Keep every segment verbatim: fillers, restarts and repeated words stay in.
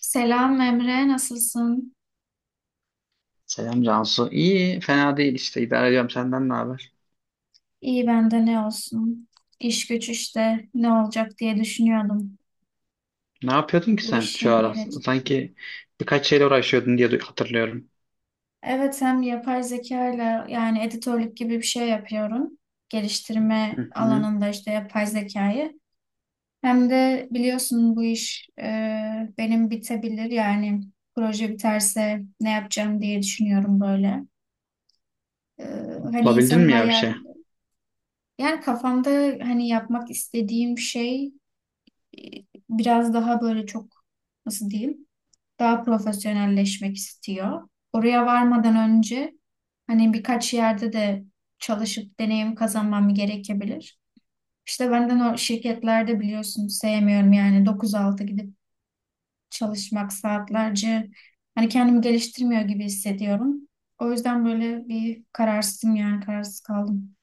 Selam Emre, nasılsın? Selam Cansu. İyi, fena değil işte. İdare ediyorum. Senden ne haber? İyi ben de ne olsun? İş güç işte ne olacak diye düşünüyordum. Ne yapıyordun ki Bu sen şu işin ara? geleceği. Sanki birkaç şeyle uğraşıyordun diye du- hatırlıyorum. Evet hem yapay zeka ile yani editörlük gibi bir şey yapıyorum. Hı Geliştirme hı. alanında işte yapay zekayı. Hem de biliyorsun bu iş e, benim bitebilir yani proje biterse ne yapacağım diye düşünüyorum böyle. E, Hani Bulabildin insan mi ya bir hayal şey? yani kafamda hani yapmak istediğim şey Ee, Biraz daha böyle çok nasıl diyeyim daha profesyonelleşmek istiyor. Oraya varmadan önce hani birkaç yerde de çalışıp deneyim kazanmam gerekebilir. İşte benden o şirketlerde biliyorsunuz sevmiyorum yani dokuz altı gidip çalışmak saatlerce hani kendimi geliştirmiyor gibi hissediyorum. O yüzden böyle bir kararsızım yani kararsız kaldım.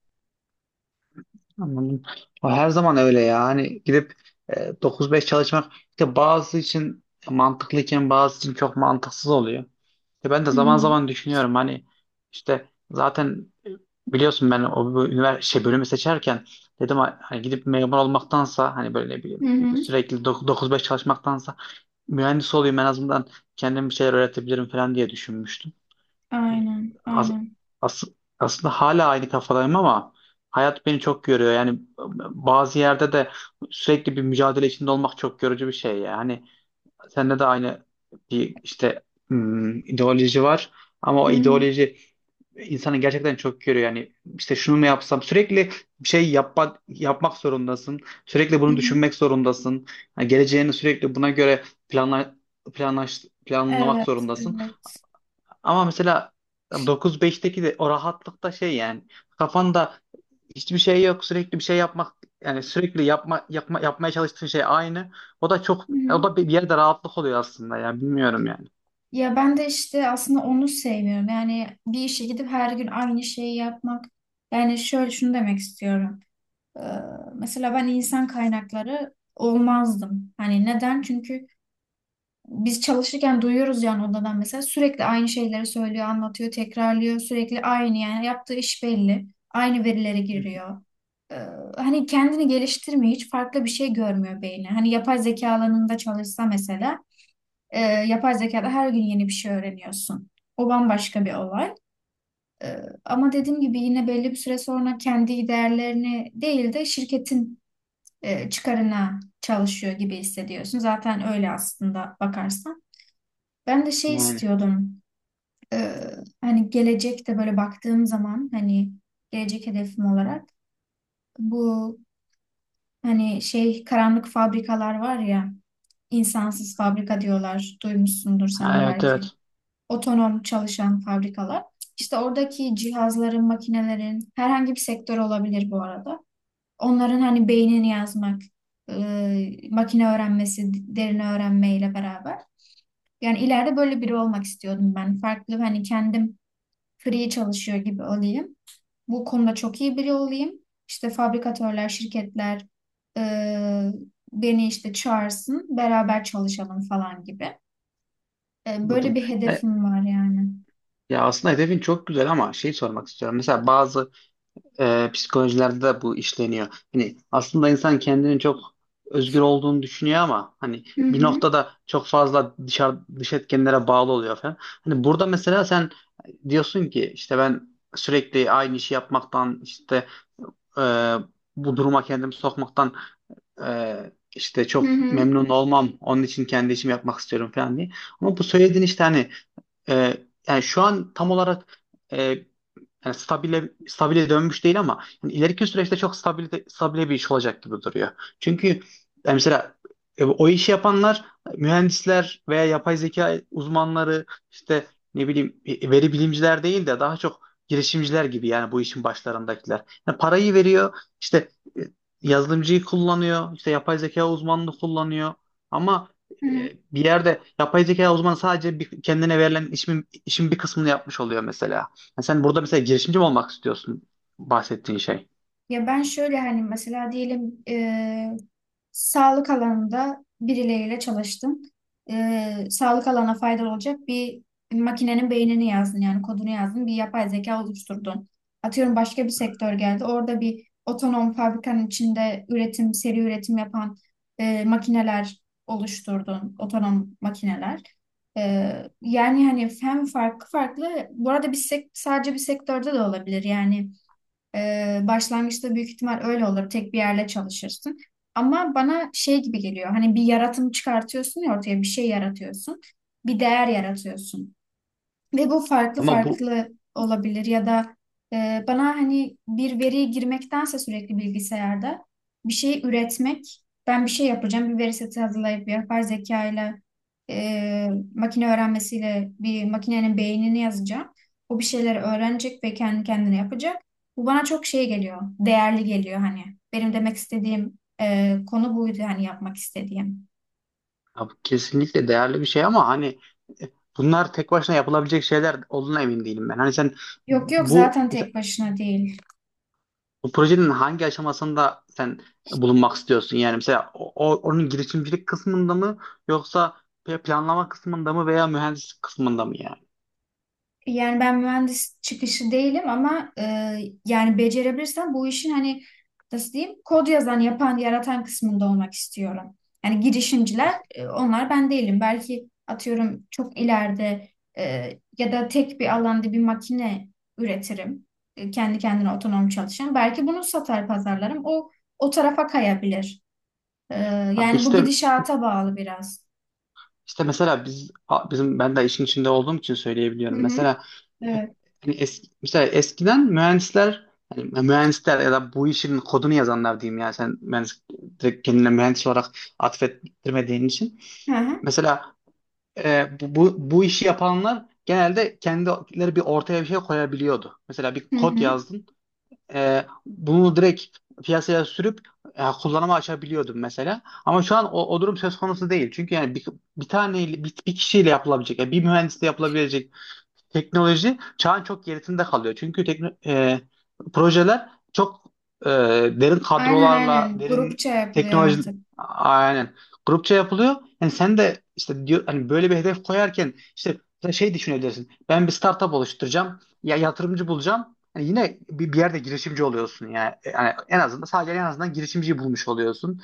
Anladım. O her zaman öyle ya. Hani gidip e, dokuz beş çalışmak işte bazı için mantıklıyken bazı için çok mantıksız oluyor. İşte ben de Hı zaman hı. zaman düşünüyorum hani işte zaten e, biliyorsun ben o üniversite bölümü seçerken dedim ha- hani gidip memur olmaktansa hani böyle ne bileyim Hı hı. sürekli dok- dokuz beş çalışmaktansa mühendis olayım, en azından kendime bir şeyler öğretebilirim falan diye düşünmüştüm. Yani Aynen, as- aynen. as- aslında hala aynı kafadayım ama hayat beni çok görüyor. Yani bazı yerde de sürekli bir mücadele içinde olmak çok yorucu bir şey. Yani sende de aynı bir işte hmm, ideoloji var ama Hı o hı. ideoloji insanı gerçekten çok görüyor. Yani işte şunu mu yapsam, sürekli bir şey yapmak yapmak zorundasın. Sürekli Hı bunu hı. düşünmek zorundasın. Yani geleceğini sürekli buna göre planla, planlaş, planlamak Evet, zorundasın. evet. Ama mesela dokuz beşteki de o rahatlıkta şey yani, kafanda hiçbir şey yok, sürekli bir şey yapmak, yani sürekli yapma, yapma yapmaya çalıştığın şey aynı. O da çok, Hı hı. o da bir bir yerde rahatlık oluyor aslında ya, bilmiyorum yani. Ya ben de işte aslında onu sevmiyorum. Yani bir işe gidip her gün aynı şeyi yapmak. Yani şöyle şunu demek istiyorum. Ee, Mesela ben insan kaynakları olmazdım. Hani neden? Çünkü biz çalışırken duyuyoruz yani odadan mesela sürekli aynı şeyleri söylüyor, anlatıyor, tekrarlıyor. Sürekli aynı yani yaptığı iş belli. Aynı verilere Hı hı. giriyor. Ee, Hani kendini geliştirmiyor, hiç farklı bir şey görmüyor beyni. Hani yapay zeka alanında çalışsa mesela e, yapay zekada her gün yeni bir şey öğreniyorsun. O bambaşka bir olay. E, Ama dediğim gibi yine belli bir süre sonra kendi değerlerini değil de şirketin e, çıkarına çalışıyor gibi hissediyorsun. Zaten öyle aslında bakarsan. Ben de şey Yani istiyordum. E, Hani gelecekte böyle baktığım zaman hani gelecek hedefim olarak bu hani şey karanlık fabrikalar var ya, insansız fabrika diyorlar. Duymuşsundur sen ha, de evet, belki. evet, Otonom çalışan fabrikalar. İşte oradaki cihazların, makinelerin herhangi bir sektör olabilir bu arada. Onların hani beynini yazmak, e, makine öğrenmesi, derin öğrenmeyle beraber. Yani ileride böyle biri olmak istiyordum ben. Farklı hani kendim free çalışıyor gibi olayım. Bu konuda çok iyi biri olayım. İşte fabrikatörler, şirketler e, beni işte çağırsın, beraber çalışalım falan gibi. E, böyle anladım. bir Ya, hedefim var yani. ya aslında hedefin çok güzel ama şey sormak istiyorum. Mesela bazı e, psikolojilerde de bu işleniyor. Hani aslında insan kendini çok özgür olduğunu düşünüyor ama hani Hı bir hı. noktada çok fazla dışarı dış etkenlere bağlı oluyor falan. Hani burada mesela sen diyorsun ki, işte ben sürekli aynı işi yapmaktan, işte e, bu duruma kendimi sokmaktan e, işte Hı çok hı. memnun olmam. Onun için kendi işimi yapmak istiyorum falan diye. Ama bu söylediğin işte hani e, yani şu an tam olarak, yani stabile stabile dönmüş değil ama yani ileriki süreçte çok stabil stabile bir iş olacak gibi duruyor. Çünkü yani mesela e, o işi yapanlar mühendisler veya yapay zeka uzmanları, işte ne bileyim e, veri bilimciler değil de daha çok girişimciler gibi, yani bu işin başlarındakiler. Yani parayı veriyor, işte e, yazılımcıyı kullanıyor, işte yapay zeka uzmanını kullanıyor, ama Hı hı. e, bir yerde yapay zeka uzmanı sadece bir, kendine verilen işin, işin, bir kısmını yapmış oluyor mesela. Ha, sen burada mesela girişimci mi olmak istiyorsun, bahsettiğin şey? Ya ben şöyle hani mesela diyelim e, sağlık alanında birileriyle çalıştın. E, sağlık alana faydalı olacak bir makinenin beynini yazdın yani kodunu yazdın bir yapay zeka oluşturdun. Atıyorum başka bir sektör geldi orada bir otonom fabrikanın içinde üretim seri üretim yapan e, makineler oluşturdun otonom makineler. E, Yani hani hem farklı farklı bu arada bir sek- sadece bir sektörde de olabilir yani. Ee, başlangıçta büyük ihtimal öyle olur. Tek bir yerle çalışırsın. Ama bana şey gibi geliyor. Hani bir yaratım çıkartıyorsun ya, ortaya bir şey yaratıyorsun. Bir değer yaratıyorsun. Ve bu farklı Ama bu farklı olabilir ya da e, bana hani bir veriye girmektense sürekli bilgisayarda bir şey üretmek, ben bir şey yapacağım, bir veri seti hazırlayıp yapay zekayla e, makine öğrenmesiyle bir makinenin beynini yazacağım. O bir şeyleri öğrenecek ve kendi kendine yapacak. Bu bana çok şey geliyor, değerli geliyor hani. Benim demek istediğim e, konu buydu hani yapmak istediğim. Ya, bu kesinlikle değerli bir şey ama hani e, bunlar tek başına yapılabilecek şeyler olduğuna emin değilim ben. Hani sen Yok yok, bu zaten mesela tek başına değil. bu projenin hangi aşamasında sen bulunmak istiyorsun? Yani mesela o, o- onun girişimcilik kısmında mı yoksa planlama kısmında mı veya mühendislik kısmında mı yani? Yani ben mühendis çıkışı değilim ama e, yani becerebilirsem bu işin hani nasıl diyeyim kod yazan, yapan, yaratan kısmında olmak istiyorum. Yani girişimciler e, onlar ben değilim. Belki atıyorum çok ileride e, ya da tek bir alanda bir makine üretirim. E, kendi kendine otonom çalışan. Belki bunu satar pazarlarım. O o tarafa kayabilir. E, Abi Yani bu işte, gidişata bağlı biraz. işte mesela biz, a- bizim, ben de işin içinde olduğum için söyleyebiliyorum. Hı hı. Mesela e, Evet. hani es- mesela eskiden mühendisler, hani mühendisler ya da bu işin kodunu yazanlar diyeyim, yani sen mühendis, direkt kendine mühendis olarak atfettirmediğin için. Hı hı. Mesela e, bu, bu bu işi yapanlar genelde kendileri bir ortaya bir şey koyabiliyordu. Mesela bir Hı kod hı. yazdın. E, bunu direkt piyasaya sürüp e, kullanıma açabiliyordum mesela. Ama şu an o, o durum söz konusu değil. Çünkü yani bir, bir tane, bir, bir kişiyle yapılabilecek, yani bir mühendisle yapılabilecek teknoloji çağın çok gerisinde kalıyor. Çünkü tekno- e, projeler çok e, derin Aynen, kadrolarla, aynen. Grupça derin yapılıyor teknoloji, artık. aynen, grupça yapılıyor. Yani sen de işte, diyor, hani böyle bir hedef koyarken işte mesela şey düşünebilirsin: ben bir startup oluşturacağım, ya yatırımcı bulacağım. Yani yine bir, bir yerde girişimci oluyorsun yani. Yani en azından sadece, en azından girişimciyi bulmuş oluyorsun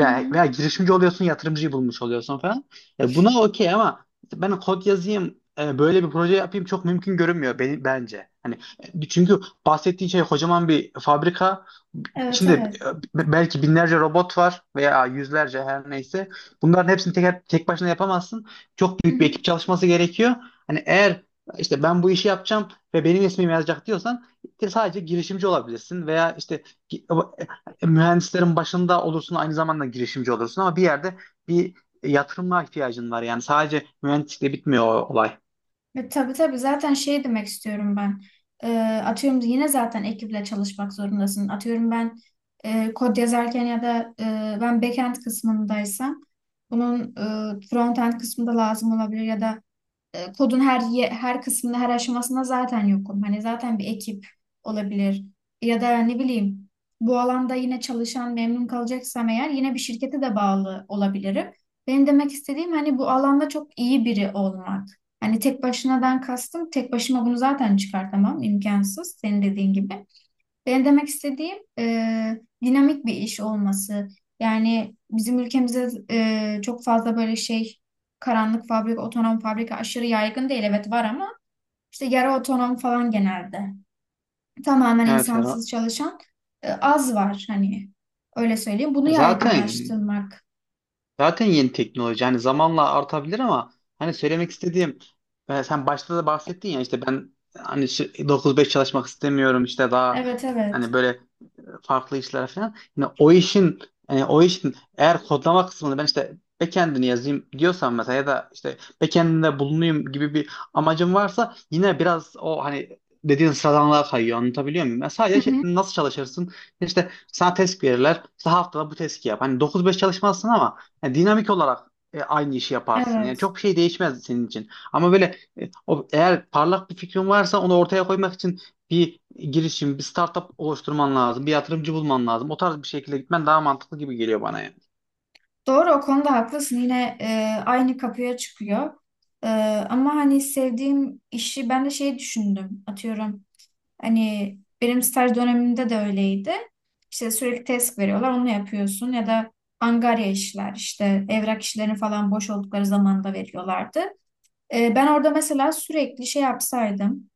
Hı hı. veya girişimci oluyorsun, yatırımcıyı bulmuş oluyorsun falan. Ya, buna okey ama ben kod yazayım, e, böyle bir proje yapayım çok mümkün görünmüyor beni, bence. Hani e, çünkü bahsettiğin şey kocaman bir fabrika, Evet, İçinde e, evet. belki binlerce robot var veya yüzlerce, her neyse. Bunların hepsini tek tek başına yapamazsın. Çok Hı büyük bir hı. ekip çalışması gerekiyor. Hani eğer işte ben bu işi yapacağım ve benim ismim yazacak diyorsan, işte sadece girişimci olabilirsin veya işte gi- e, e, mühendislerin başında olursun, aynı zamanda girişimci olursun, ama bir yerde bir yatırıma ihtiyacın var. Yani sadece mühendislikle bitmiyor o olay. E, tabii tabii, zaten şey demek istiyorum ben. E, Atıyorum yine zaten ekiple çalışmak zorundasın. Atıyorum ben e, kod yazarken ya da e, ben backend kısmındaysam bunun e, frontend kısmında lazım olabilir ya da e, kodun her ye- her kısmında her aşamasında zaten yokum. Hani zaten bir ekip olabilir ya da ne bileyim bu alanda yine çalışan memnun kalacaksam eğer yine bir şirkete de bağlı olabilirim. Benim demek istediğim hani bu alanda çok iyi biri olmak. Hani tek başınadan kastım tek başıma bunu zaten çıkartamam, imkansız senin dediğin gibi. Benim demek istediğim e, dinamik bir iş olması. Yani bizim ülkemizde e, çok fazla böyle şey karanlık fabrika, otonom fabrika aşırı yaygın değil. Evet var ama işte yarı otonom falan genelde. Tamamen Evet insansız Ferhan. çalışan e, az var hani, öyle söyleyeyim. Bunu Zaten yaygınlaştırmak. Zaten yeni teknoloji. Hani zamanla artabilir ama hani söylemek istediğim, e, sen başta da bahsettin ya, işte ben hani sü- dokuz beş çalışmak istemiyorum, işte daha Evet, evet. hani böyle farklı işler falan. Yine o işin, e, o işin eğer kodlama kısmını, ben işte backend'ini yazayım diyorsam mesela, ya da işte backend'inde bulunayım gibi bir amacım varsa, yine biraz o hani dediğin sıradanlığa kayıyor. Anlatabiliyor muyum? Yani Hı sadece şey- hı. nasıl çalışırsın? İşte sana test verirler, İşte haftada bu testi yap. Hani dokuz beş çalışmazsın ama yani dinamik olarak e, aynı işi yaparsın. Yani Evet. çok şey değişmez senin için. Ama böyle e, o, eğer parlak bir fikrin varsa onu ortaya koymak için bir girişim, bir startup oluşturman lazım, bir yatırımcı bulman lazım. O tarz bir şekilde gitmen daha mantıklı gibi geliyor bana yani. Doğru, o konuda haklısın. Yine e, aynı kapıya çıkıyor. E, Ama hani sevdiğim işi ben de şey düşündüm. Atıyorum. Hani benim staj dönemimde de öyleydi. İşte sürekli test veriyorlar, onu yapıyorsun ya da angarya işler, işte evrak işlerini falan boş oldukları zaman da veriyorlardı. Ee, ben orada mesela sürekli şey yapsaydım,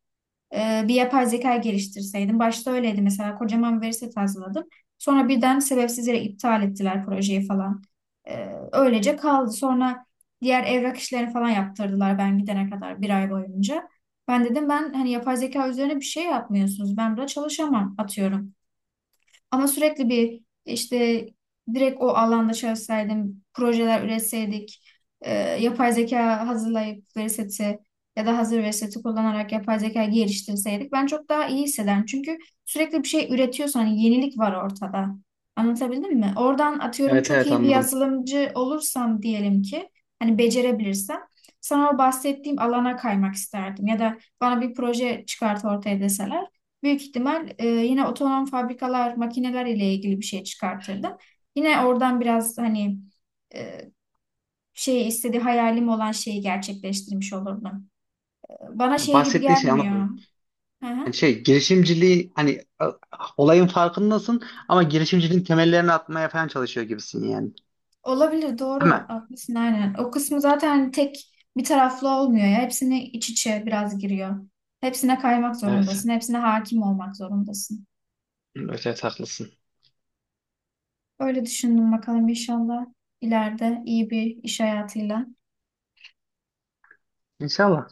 e, bir yapay zeka geliştirseydim. Başta öyleydi, mesela kocaman veri seti hazırladım. Sonra birden sebepsiz yere iptal ettiler projeyi falan. E, öylece kaldı. Sonra diğer evrak işlerini falan yaptırdılar ben gidene kadar bir ay boyunca. Ben dedim ben hani yapay zeka üzerine bir şey yapmıyorsunuz. Ben burada çalışamam atıyorum. Ama sürekli bir işte direkt o alanda çalışsaydım, projeler üretseydik, e, yapay zeka hazırlayıp veri seti ya da hazır veri seti kullanarak yapay zeka geliştirseydik ben çok daha iyi hissederim. Çünkü sürekli bir şey üretiyorsan hani yenilik var ortada. Anlatabildim mi? Oradan atıyorum Evet, çok evet, iyi bir anladım. yazılımcı olursam diyelim ki, hani becerebilirsem sana o bahsettiğim alana kaymak isterdim ya da bana bir proje çıkart ortaya deseler büyük ihtimal e, yine otonom fabrikalar, makineler ile ilgili bir şey çıkartırdım. Yine oradan biraz hani e, şey istediği hayalim olan şeyi gerçekleştirmiş olurdum. Bana Yani şey gibi bahsettiğin şey, gelmiyor. anladım. Hı Yani hı. şey girişimciliği, hani a- olayın farkındasın ama girişimciliğin temellerini atmaya falan çalışıyor gibisin yani. Olabilir, doğru Değil mi? haklısın aynen. O kısmı zaten hani tek bir taraflı olmuyor ya. Hepsini iç içe biraz giriyor. Hepsine kaymak Evet. zorundasın. Hepsine hakim olmak zorundasın. Evet, evet, haklısın. Öyle düşündüm, bakalım inşallah ileride iyi bir iş hayatıyla. İnşallah.